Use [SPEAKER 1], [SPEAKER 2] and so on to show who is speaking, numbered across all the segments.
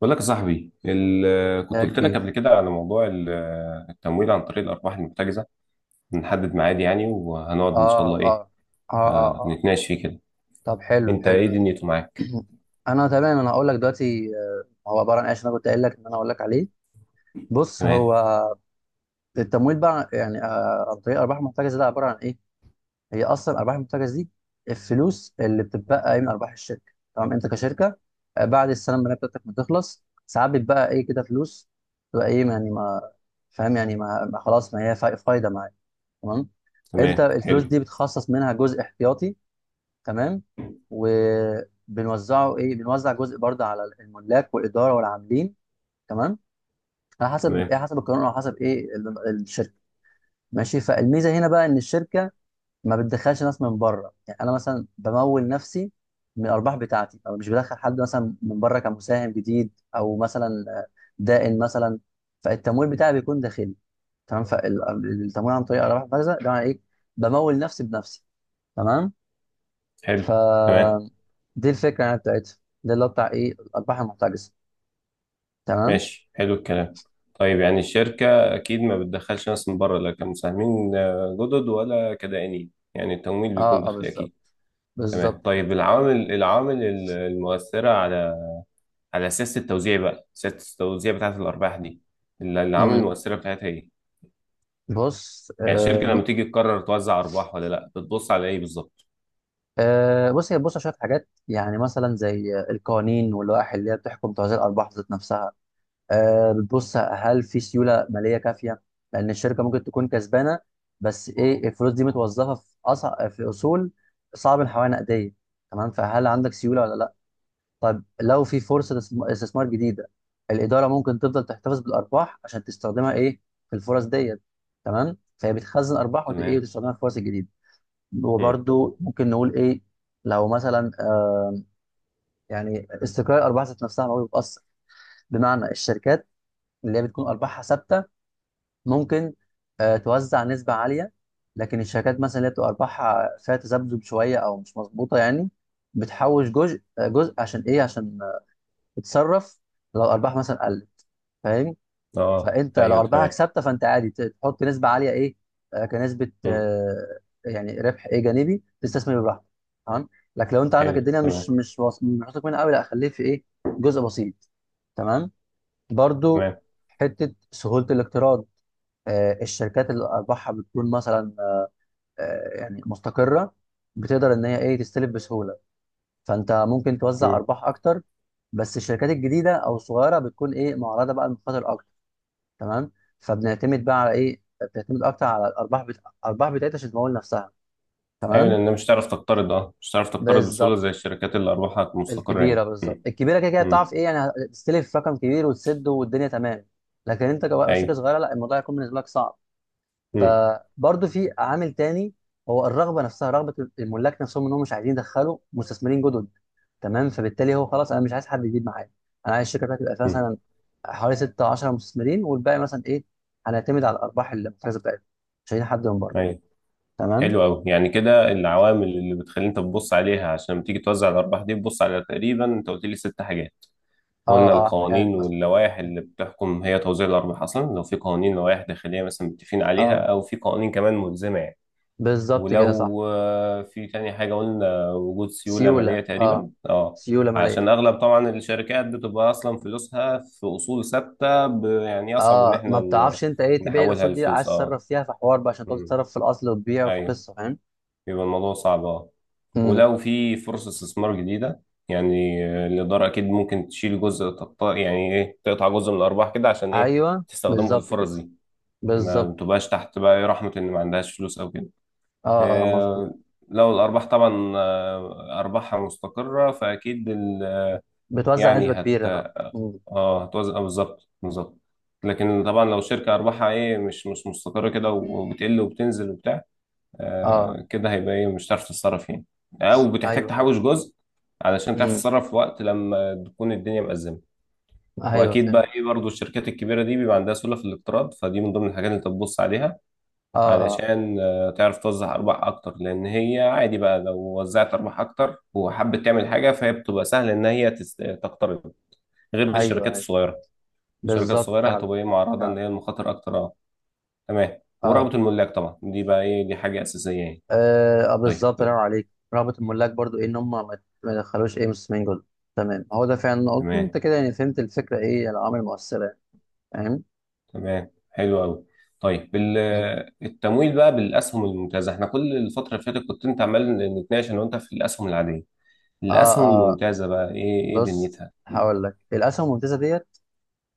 [SPEAKER 1] بقول لك يا صاحبي، كنت
[SPEAKER 2] يا
[SPEAKER 1] قلت لك
[SPEAKER 2] كبير.
[SPEAKER 1] قبل كده على موضوع التمويل عن طريق الارباح المحتجزه. نحدد ميعاد يعني، وهنقعد ان شاء
[SPEAKER 2] اه،
[SPEAKER 1] الله،
[SPEAKER 2] اه،
[SPEAKER 1] ايه،
[SPEAKER 2] اه، اه، اه.
[SPEAKER 1] نتناقش فيه كده.
[SPEAKER 2] طب حلو
[SPEAKER 1] انت ايه
[SPEAKER 2] حلو
[SPEAKER 1] دنيته معاك؟
[SPEAKER 2] انا تمام، انا هقول لك دلوقتي، هو عباره عن ايش انا كنت قايل لك ان انا هقول لك عليه. بص،
[SPEAKER 1] تمام.
[SPEAKER 2] هو التمويل بقى يعني عن طريق الارباح المحتجزه ده عباره عن ايه؟ هي اصلا الارباح المحتجزه دي الفلوس اللي بتتبقى من ارباح الشركه. تمام؟ انت كشركه بعد السنه الماليه بتاعتك ما تخلص ساعات بتبقى ايه كده فلوس، تبقى ايه يعني، ما فاهم يعني، ما ما خلاص، ما هي فايده معاك. تمام؟ انت
[SPEAKER 1] تمام،
[SPEAKER 2] الفلوس
[SPEAKER 1] حلو.
[SPEAKER 2] دي بتخصص منها جزء احتياطي، تمام، وبنوزعه ايه، بنوزع جزء برضه على الملاك والاداره والعاملين. تمام؟ على حسب
[SPEAKER 1] تمام،
[SPEAKER 2] ايه، حسب القانون او حسب ايه الشركه. ماشي، فالميزه هنا بقى ان الشركه ما بتدخلش ناس من بره، يعني انا مثلا بمول نفسي من الارباح بتاعتي، او مش بدخل حد مثلا من بره كمساهم جديد، او مثلا دائن مثلا. فالتمويل بتاعي بيكون داخلي. تمام، فالتمويل عن طريق ارباح المخزن ده معناه ايه؟ بمول نفسي بنفسي. تمام، ف
[SPEAKER 1] حلو. تمام.
[SPEAKER 2] دي الفكره يعني بتاعتها، ده اللي هو بتاع ايه، الارباح المحتجزه. تمام.
[SPEAKER 1] ماشي، حلو الكلام. طيب يعني
[SPEAKER 2] مم.
[SPEAKER 1] الشركه اكيد ما بتدخلش ناس من بره، لا كمساهمين جدد ولا كدائنين، يعني التمويل بيكون
[SPEAKER 2] اه اه،
[SPEAKER 1] داخلي
[SPEAKER 2] بالظبط،
[SPEAKER 1] اكيد. تمام.
[SPEAKER 2] بالظبط كده.
[SPEAKER 1] طيب، العوامل المؤثره على سياسه التوزيع، بقى سياسه التوزيع بتاعه الارباح دي، اللي العوامل
[SPEAKER 2] امم
[SPEAKER 1] المؤثره بتاعتها ايه؟
[SPEAKER 2] بص،
[SPEAKER 1] يعني الشركه لما تيجي تقرر توزع ارباح ولا لا، بتبص على ايه بالظبط؟
[SPEAKER 2] بص، هي بص على شويه حاجات، يعني مثلا زي القوانين واللوائح اللي هي بتحكم توزيع الارباح ذات نفسها. آه بتبص هل في سيوله ماليه كافيه؟ لان الشركه ممكن تكون كسبانه بس ايه الفلوس دي متوظفه في اصول صعب الحوالي نقديه. تمام، فهل عندك سيوله ولا؟ طب لو في فرصة استثمار جديدة، الإدارة ممكن تفضل تحتفظ بالأرباح عشان تستخدمها إيه، في الفرص ديت. تمام، فهي بتخزن أرباح إيه،
[SPEAKER 1] تمام.
[SPEAKER 2] وتستخدمها في الفرص الجديدة.
[SPEAKER 1] امم.
[SPEAKER 2] وبرده ممكن نقول إيه، لو مثلا يعني استقرار الأرباح ذات نفسها، ما هو بيتأثر، بمعنى الشركات اللي هي بتكون أرباحها ثابتة ممكن آه توزع نسبة عالية، لكن الشركات مثلا اللي بتبقى أرباحها فيها تذبذب شوية أو مش مظبوطة يعني، بتحوش جزء، جزء عشان إيه، عشان تتصرف لو الأرباح مثلا قلت. فاهم؟
[SPEAKER 1] اه،
[SPEAKER 2] فانت لو
[SPEAKER 1] ايوه،
[SPEAKER 2] ارباحك
[SPEAKER 1] تمام.
[SPEAKER 2] ثابته فانت عادي تحط نسبه عاليه ايه، كنسبه
[SPEAKER 1] امم.
[SPEAKER 2] يعني ربح ايه جانبي تستثمر براحتك. تمام، لكن لو انت عندك
[SPEAKER 1] حلو.
[SPEAKER 2] الدنيا
[SPEAKER 1] تمام.
[SPEAKER 2] مش مش واثق منها قوي، لا خليه في ايه، جزء بسيط. تمام، برضو
[SPEAKER 1] تمام.
[SPEAKER 2] حته سهوله الاقتراض، الشركات اللي ارباحها بتكون مثلا يعني مستقره، بتقدر ان هي ايه تستلف بسهوله، فانت ممكن توزع
[SPEAKER 1] امم.
[SPEAKER 2] ارباح اكتر، بس الشركات الجديده او الصغيره بتكون ايه معرضه بقى للمخاطر اكتر. تمام، فبنعتمد بقى على ايه، بتعتمد اكتر على الارباح الارباح بتاعتها عشان تمول نفسها.
[SPEAKER 1] ايوه،
[SPEAKER 2] تمام،
[SPEAKER 1] لان مش هتعرف تقترض، بسهوله
[SPEAKER 2] بالظبط،
[SPEAKER 1] زي الشركات اللي ارباحها مستقره
[SPEAKER 2] الكبيره،
[SPEAKER 1] يعني.
[SPEAKER 2] بالظبط
[SPEAKER 1] امم.
[SPEAKER 2] الكبيره كده كده بتعرف
[SPEAKER 1] امم.
[SPEAKER 2] ايه يعني تستلف رقم كبير وتسده والدنيا تمام، لكن انت كشركه
[SPEAKER 1] ايوه.
[SPEAKER 2] صغيره لا، الموضوع هيكون بالنسبه لك صعب.
[SPEAKER 1] امم.
[SPEAKER 2] فبرضه في عامل تاني، هو الرغبه نفسها، رغبه الملاك نفسهم ان هم مش عايزين يدخلوا مستثمرين جدد. تمام، فبالتالي هو خلاص انا مش عايز حد يجيب معايا، انا عايز الشركه بتاعتي تبقى فيها
[SPEAKER 1] امم.
[SPEAKER 2] مثلا حوالي 6 10 مستثمرين، والباقي مثلا ايه، هنعتمد على الارباح المحترزه بتاعتهم. مش عايزين حد من بره.
[SPEAKER 1] ايوه.
[SPEAKER 2] تمام.
[SPEAKER 1] حلو قوي. يعني كده العوامل اللي بتخلي انت تبص عليها عشان لما تيجي توزع الارباح دي، تبص على تقريبا، انت قلت لي ست حاجات. قلنا
[SPEAKER 2] اه اه، يعني
[SPEAKER 1] القوانين
[SPEAKER 2] مثلا،
[SPEAKER 1] واللوائح اللي بتحكم هي توزيع الأرباح أصلا، لو في قوانين، لوائح داخلية مثلا متفقين عليها،
[SPEAKER 2] اه
[SPEAKER 1] أو في قوانين كمان ملزمة يعني.
[SPEAKER 2] بالظبط كده، صح.
[SPEAKER 1] ولو في تاني حاجة قلنا وجود سيولة
[SPEAKER 2] سيوله
[SPEAKER 1] مالية
[SPEAKER 2] اه،
[SPEAKER 1] تقريبا، اه.
[SPEAKER 2] سيوله
[SPEAKER 1] عشان
[SPEAKER 2] ماليه.
[SPEAKER 1] أغلب طبعا الشركات بتبقى أصلا فلوسها في أصول ثابتة، يعني يصعب إن
[SPEAKER 2] اه، ما
[SPEAKER 1] احنا
[SPEAKER 2] بتعرفش انت ايه تبيع
[SPEAKER 1] نحولها
[SPEAKER 2] الاسود دي،
[SPEAKER 1] لفلوس،
[SPEAKER 2] عايز
[SPEAKER 1] اه.
[SPEAKER 2] تتصرف فيها في حوار بقى عشان تقعد
[SPEAKER 1] مم.
[SPEAKER 2] تتصرف في الاصل وتبيع وفي
[SPEAKER 1] أيوه.
[SPEAKER 2] قصه.
[SPEAKER 1] بيبقى الموضوع صعب، اه.
[SPEAKER 2] فاهم؟
[SPEAKER 1] ولو في فرصة استثمار جديدة، يعني الإدارة أكيد ممكن تشيل جزء، تقطع يعني إيه، تقطع جزء من الأرباح كده عشان إيه،
[SPEAKER 2] ايوه،
[SPEAKER 1] تستخدمه في
[SPEAKER 2] بالظبط كده،
[SPEAKER 1] الفرص دي،
[SPEAKER 2] بالظبط.
[SPEAKER 1] ما تبقاش تحت بقى إيه رحمة إن ما عندهاش فلوس أو كده.
[SPEAKER 2] اه مظبوط.
[SPEAKER 1] آه، لو الأرباح طبعا أرباحها مستقرة فأكيد
[SPEAKER 2] بتوزع
[SPEAKER 1] يعني
[SPEAKER 2] نسبه
[SPEAKER 1] هت
[SPEAKER 2] كبيره، اه. مم.
[SPEAKER 1] اه هتوزع، بالظبط، بالظبط. لكن طبعا لو شركة أرباحها إيه مش مستقرة كده، وبتقل وبتنزل وبتاع،
[SPEAKER 2] اه،
[SPEAKER 1] كده هيبقى ايه، مش هتعرف تتصرف يعني، او بتحتاج
[SPEAKER 2] ايوه، ايوه.
[SPEAKER 1] تحوش جزء علشان تعرف
[SPEAKER 2] مم.
[SPEAKER 1] تتصرف وقت لما تكون الدنيا مأزمة.
[SPEAKER 2] ايوه
[SPEAKER 1] واكيد بقى
[SPEAKER 2] فهمت.
[SPEAKER 1] ايه برضو الشركات الكبيره دي بيبقى عندها سله في الاقتراض، فدي من ضمن الحاجات اللي انت تبص عليها
[SPEAKER 2] اه اه.
[SPEAKER 1] علشان تعرف توزع ارباح اكتر، لان هي عادي بقى لو وزعت ارباح اكتر وحبت تعمل حاجه فهي بتبقى سهل ان هي تقترض، غير
[SPEAKER 2] ايوه،
[SPEAKER 1] الشركات
[SPEAKER 2] ايوه،
[SPEAKER 1] الصغيره. الشركات
[SPEAKER 2] بالظبط،
[SPEAKER 1] الصغيره
[SPEAKER 2] فعلا.
[SPEAKER 1] هتبقى ايه معرضه ان
[SPEAKER 2] فعلا.
[SPEAKER 1] هي المخاطر اكتر، اه. تمام.
[SPEAKER 2] اه
[SPEAKER 1] ورغبه الملاك طبعا دي بقى ايه، دي حاجه اساسيه يعني.
[SPEAKER 2] اه،
[SPEAKER 1] طيب.
[SPEAKER 2] بالظبط، الله ينور عليك، رغبه الملاك برضو ايه، ان هم ما يدخلوش ايه مستثمرين جدد. تمام، هو ده فعلا اللي أنا قلته انت
[SPEAKER 1] تمام.
[SPEAKER 2] كده، يعني فهمت الفكره، ايه يعني العوامل المؤثره يعني. فاهم؟
[SPEAKER 1] تمام، حلو قوي. طيب،
[SPEAKER 2] مم.
[SPEAKER 1] التمويل بقى بالاسهم الممتازه، احنا كل الفتره اللي فاتت كنت انت عمال نتناقش انا وانت في الاسهم العاديه.
[SPEAKER 2] اه
[SPEAKER 1] الاسهم
[SPEAKER 2] اه،
[SPEAKER 1] الممتازه بقى ايه، ايه
[SPEAKER 2] بص
[SPEAKER 1] دنيتها؟
[SPEAKER 2] هقول لك الاسهم الممتازه ديت.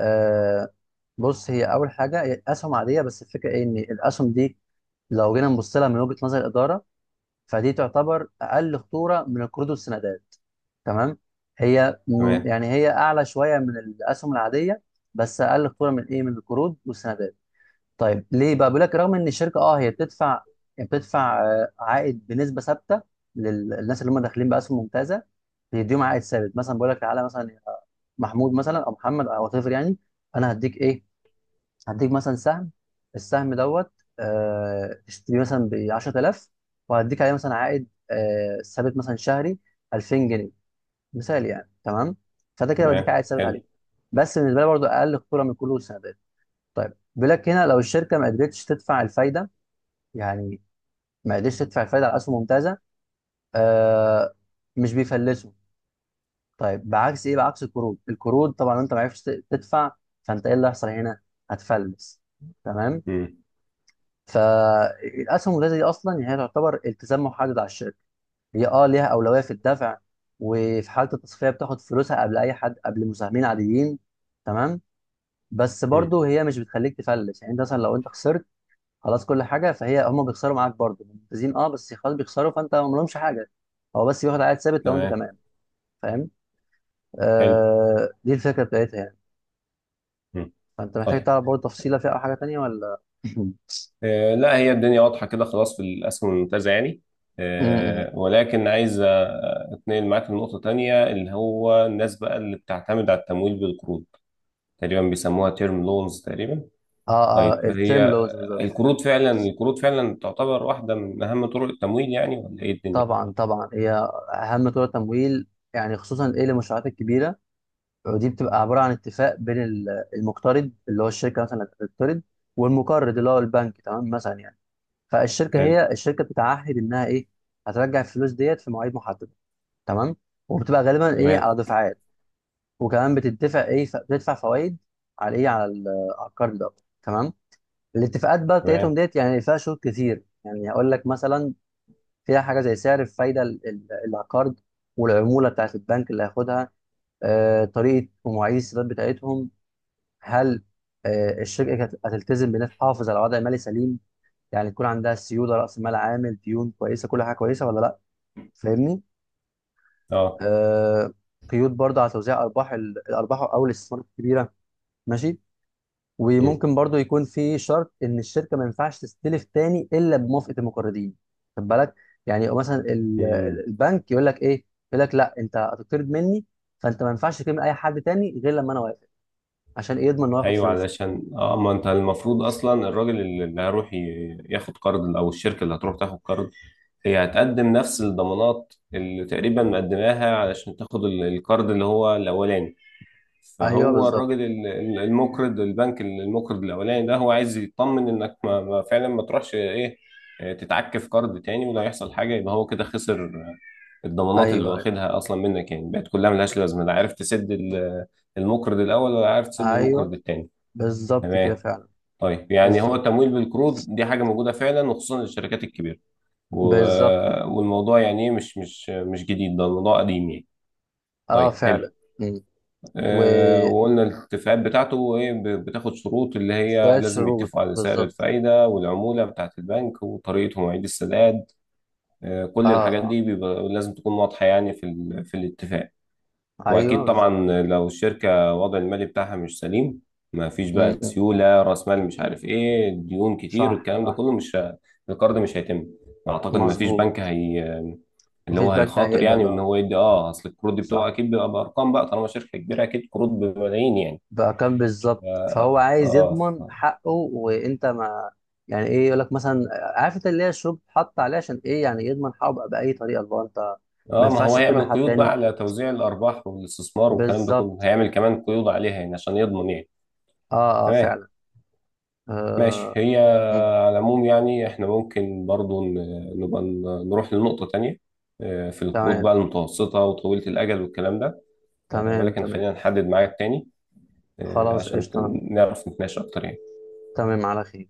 [SPEAKER 2] آه بص، هي اول حاجه هي اسهم عاديه، بس الفكره ايه، ان الاسهم دي لو جينا نبص لها من وجهة نظر الإدارة، فدي تعتبر أقل خطورة من القروض والسندات. تمام، هي
[SPEAKER 1] تمام.
[SPEAKER 2] يعني هي أعلى شوية من الأسهم العادية، بس أقل خطورة من إيه، من القروض والسندات. طيب ليه بقى، بيقول لك رغم إن الشركة أه هي بتدفع، يعني بتدفع عائد بنسبة ثابتة للناس اللي هم داخلين بأسهم ممتازة، بيديهم عائد ثابت، مثلا بيقول لك تعالى مثلا يا محمود، مثلا أو محمد أو وات ايفر، يعني أنا هديك إيه، هديك مثلا سهم، السهم دوت اشتريه مثلا ب 10,000، وهديك عليه مثلا عائد ثابت مثلا شهري 2000 جنيه. مثال يعني، تمام، فده كده بديك
[SPEAKER 1] تمام،
[SPEAKER 2] عائد ثابت
[SPEAKER 1] حلو.
[SPEAKER 2] عليه، بس بالنسبه لي برضه اقل خطوره من كل السندات. طيب بيقول لك هنا، لو الشركه ما قدرتش تدفع الفايده، يعني ما قدرتش تدفع الفايده على اسهم ممتازه، آه مش بيفلسوا. طيب بعكس ايه، بعكس القروض، القروض طبعا لو انت ما عرفتش تدفع، فانت ايه اللي هيحصل هنا، هتفلس. تمام،
[SPEAKER 1] امم.
[SPEAKER 2] فالاسهم الولاده دي اصلا يعني هي تعتبر التزام محدد على الشركه، هي اه ليها اولويه في الدفع، وفي حاله التصفيه بتاخد فلوسها قبل اي حد، قبل مساهمين عاديين. تمام، بس
[SPEAKER 1] امم.
[SPEAKER 2] برضه هي مش بتخليك تفلس، يعني انت مثلا لو انت خسرت خلاص كل حاجه، فهي هم بيخسروا معاك برضه ممتازين اه، بس خلاص بيخسروا، فانت ما لهمش حاجه، هو بس بياخد عائد ثابت لو انت
[SPEAKER 1] تمام،
[SPEAKER 2] تمام. فاهم؟
[SPEAKER 1] حلو.
[SPEAKER 2] آه دي الفكره بتاعتها يعني.
[SPEAKER 1] امم.
[SPEAKER 2] فانت محتاج
[SPEAKER 1] طيب،
[SPEAKER 2] تعرف برضه تفصيله فيها او حاجه تانيه ولا م-
[SPEAKER 1] آه، لا، هي الدنيا واضحه كده خلاص في الاسهم الممتازه يعني.
[SPEAKER 2] م.
[SPEAKER 1] آه، ولكن عايز اتنقل معاك لنقطه تانية، اللي هو الناس بقى اللي بتعتمد على التمويل بالقروض تقريبا بيسموها تيرم لونز تقريبا.
[SPEAKER 2] اه اه،
[SPEAKER 1] طيب،
[SPEAKER 2] التيرم
[SPEAKER 1] هي
[SPEAKER 2] لونز بالظبط.
[SPEAKER 1] القروض فعلا، القروض فعلا تعتبر واحدة من أهم طرق التمويل، يعني ولا إيه الدنيا؟
[SPEAKER 2] طبعا طبعا، هي اهم طرق تمويل، يعني خصوصا ايه للمشروعات الكبيره. ودي بتبقى عباره عن اتفاق بين المقترض اللي هو الشركه مثلا اللي بتقترض، والمقرض اللي هو البنك. تمام مثلا يعني، فالشركه
[SPEAKER 1] حلو،
[SPEAKER 2] الشركه بتتعهد انها ايه، هترجع الفلوس ديت في مواعيد محدده. تمام، وبتبقى غالبا ايه
[SPEAKER 1] تمام.
[SPEAKER 2] على دفعات، وكمان بتدفع ايه، بتدفع فوائد على ايه، على القرض ده. تمام، الاتفاقات بقى بتاعتهم
[SPEAKER 1] تمام.
[SPEAKER 2] ديت يعني فيها شروط كتير، يعني هقول لك مثلا، فيها حاجه زي سعر الفايده العقار، والعموله بتاعت البنك اللي هياخدها، طريقه ومواعيد السداد بتاعتهم. هل الشركه هتلتزم بانها تحافظ على وضع مالي سليم، يعني يكون عندها سيوله، راس مال عامل، ديون كويسه، كل حاجه كويسه ولا لا. فاهمني؟
[SPEAKER 1] أه.
[SPEAKER 2] آه، قيود برضه على توزيع ارباح الارباح او الاستثمارات الكبيره. ماشي،
[SPEAKER 1] مم.
[SPEAKER 2] وممكن برضو يكون في شرط ان الشركه ما ينفعش تستلف تاني الا بموافقه المقرضين. خد بالك، يعني مثلا
[SPEAKER 1] مم.
[SPEAKER 2] البنك يقول لك ايه، يقول لك لا انت هتقترض مني، فانت ما ينفعش تكلم اي حد تاني غير لما انا وافق، عشان ايه، يضمن انه ياخد
[SPEAKER 1] أيوه،
[SPEAKER 2] فلوسه.
[SPEAKER 1] علشان ما أنت المفروض أصلا الراجل اللي هيروح ياخد قرض، أو الشركة اللي هتروح تاخد قرض، هي هتقدم نفس الضمانات اللي تقريبا مقدماها علشان تاخد القرض اللي هو الأولاني.
[SPEAKER 2] ايوه
[SPEAKER 1] فهو
[SPEAKER 2] بالظبط.
[SPEAKER 1] الراجل المقرض البنك المقرض الاولاني ده، هو عايز يطمن انك ما فعلا ما تروحش ايه، تتعك في قرض تاني، ولو هيحصل حاجه يبقى هو كده خسر الضمانات اللي
[SPEAKER 2] ايوه ايوه،
[SPEAKER 1] واخدها اصلا منك يعني بقت كلها ملهاش لازمه، لا عارف تسد المقرض الاول ولا عارف تسد
[SPEAKER 2] ايوه
[SPEAKER 1] المقرض التاني.
[SPEAKER 2] بالظبط كده،
[SPEAKER 1] تمام.
[SPEAKER 2] فعلا.
[SPEAKER 1] طيب يعني هو
[SPEAKER 2] بالظبط
[SPEAKER 1] التمويل بالقروض دي حاجه موجوده فعلا وخصوصا للشركات الكبيره،
[SPEAKER 2] بالظبط،
[SPEAKER 1] والموضوع يعني ايه، مش جديد، ده الموضوع قديم يعني.
[SPEAKER 2] اه
[SPEAKER 1] طيب،
[SPEAKER 2] فعلا.
[SPEAKER 1] حلو.
[SPEAKER 2] مم. وشويه
[SPEAKER 1] وقلنا الاتفاقات بتاعته ايه، بتاخد شروط اللي هي لازم
[SPEAKER 2] شروط،
[SPEAKER 1] يتفقوا على سعر
[SPEAKER 2] بالظبط.
[SPEAKER 1] الفايدة والعمولة بتاعة البنك وطريقة مواعيد السداد.
[SPEAKER 2] اه
[SPEAKER 1] كل الحاجات
[SPEAKER 2] اه،
[SPEAKER 1] دي بيبقى لازم تكون واضحة يعني في في الاتفاق.
[SPEAKER 2] ايوه
[SPEAKER 1] واكيد طبعا
[SPEAKER 2] بالظبط كده.
[SPEAKER 1] لو الشركة الوضع المالي بتاعها مش سليم، ما فيش
[SPEAKER 2] مم،
[SPEAKER 1] بقى
[SPEAKER 2] مم.
[SPEAKER 1] سيولة، رأس مال، مش عارف ايه، ديون كتير،
[SPEAKER 2] صح
[SPEAKER 1] الكلام ده
[SPEAKER 2] صح،
[SPEAKER 1] كله، مش ه- القرض مش هيتم. اعتقد ما فيش
[SPEAKER 2] مظبوط.
[SPEAKER 1] بنك هي اللي
[SPEAKER 2] مفيش
[SPEAKER 1] هو
[SPEAKER 2] بنك
[SPEAKER 1] هيخاطر يعني
[SPEAKER 2] هيقبل،
[SPEAKER 1] ان
[SPEAKER 2] اه،
[SPEAKER 1] هو يدي، اصل القروض دي بتبقى
[SPEAKER 2] صح.
[SPEAKER 1] اكيد بيبقى بارقام بقى طالما شركة كبيرة، اكيد قروض بملايين يعني.
[SPEAKER 2] بأرقام، بالظبط، فهو عايز
[SPEAKER 1] اه ف-
[SPEAKER 2] يضمن حقه، وانت ما يعني ايه يقول لك مثلا، عارف انت اللي هي الشروط حط عليه، عشان ايه يعني يضمن حقه بقى بأي طريقة اللي هو انت ما
[SPEAKER 1] اه ما هو
[SPEAKER 2] ينفعش تقيم
[SPEAKER 1] هيعمل
[SPEAKER 2] حد
[SPEAKER 1] قيود بقى
[SPEAKER 2] تاني.
[SPEAKER 1] على توزيع الارباح والاستثمار والكلام ده كله،
[SPEAKER 2] بالظبط،
[SPEAKER 1] هيعمل كمان قيود عليها يعني عشان يضمن يعني.
[SPEAKER 2] اه اه
[SPEAKER 1] تمام.
[SPEAKER 2] فعلا.
[SPEAKER 1] ماشي
[SPEAKER 2] آه.
[SPEAKER 1] هي.
[SPEAKER 2] مم.
[SPEAKER 1] على العموم يعني احنا ممكن برضو نروح لنقطة تانية. في القروض
[SPEAKER 2] تمام
[SPEAKER 1] بقى المتوسطة وطويلة الأجل والكلام ده.
[SPEAKER 2] تمام
[SPEAKER 1] ولكن
[SPEAKER 2] تمام.
[SPEAKER 1] خلينا نحدد ميعاد تاني،
[SPEAKER 2] خلاص،
[SPEAKER 1] عشان
[SPEAKER 2] قشطة.
[SPEAKER 1] نعرف نتناقش أكتر يعني.
[SPEAKER 2] تمام على خير.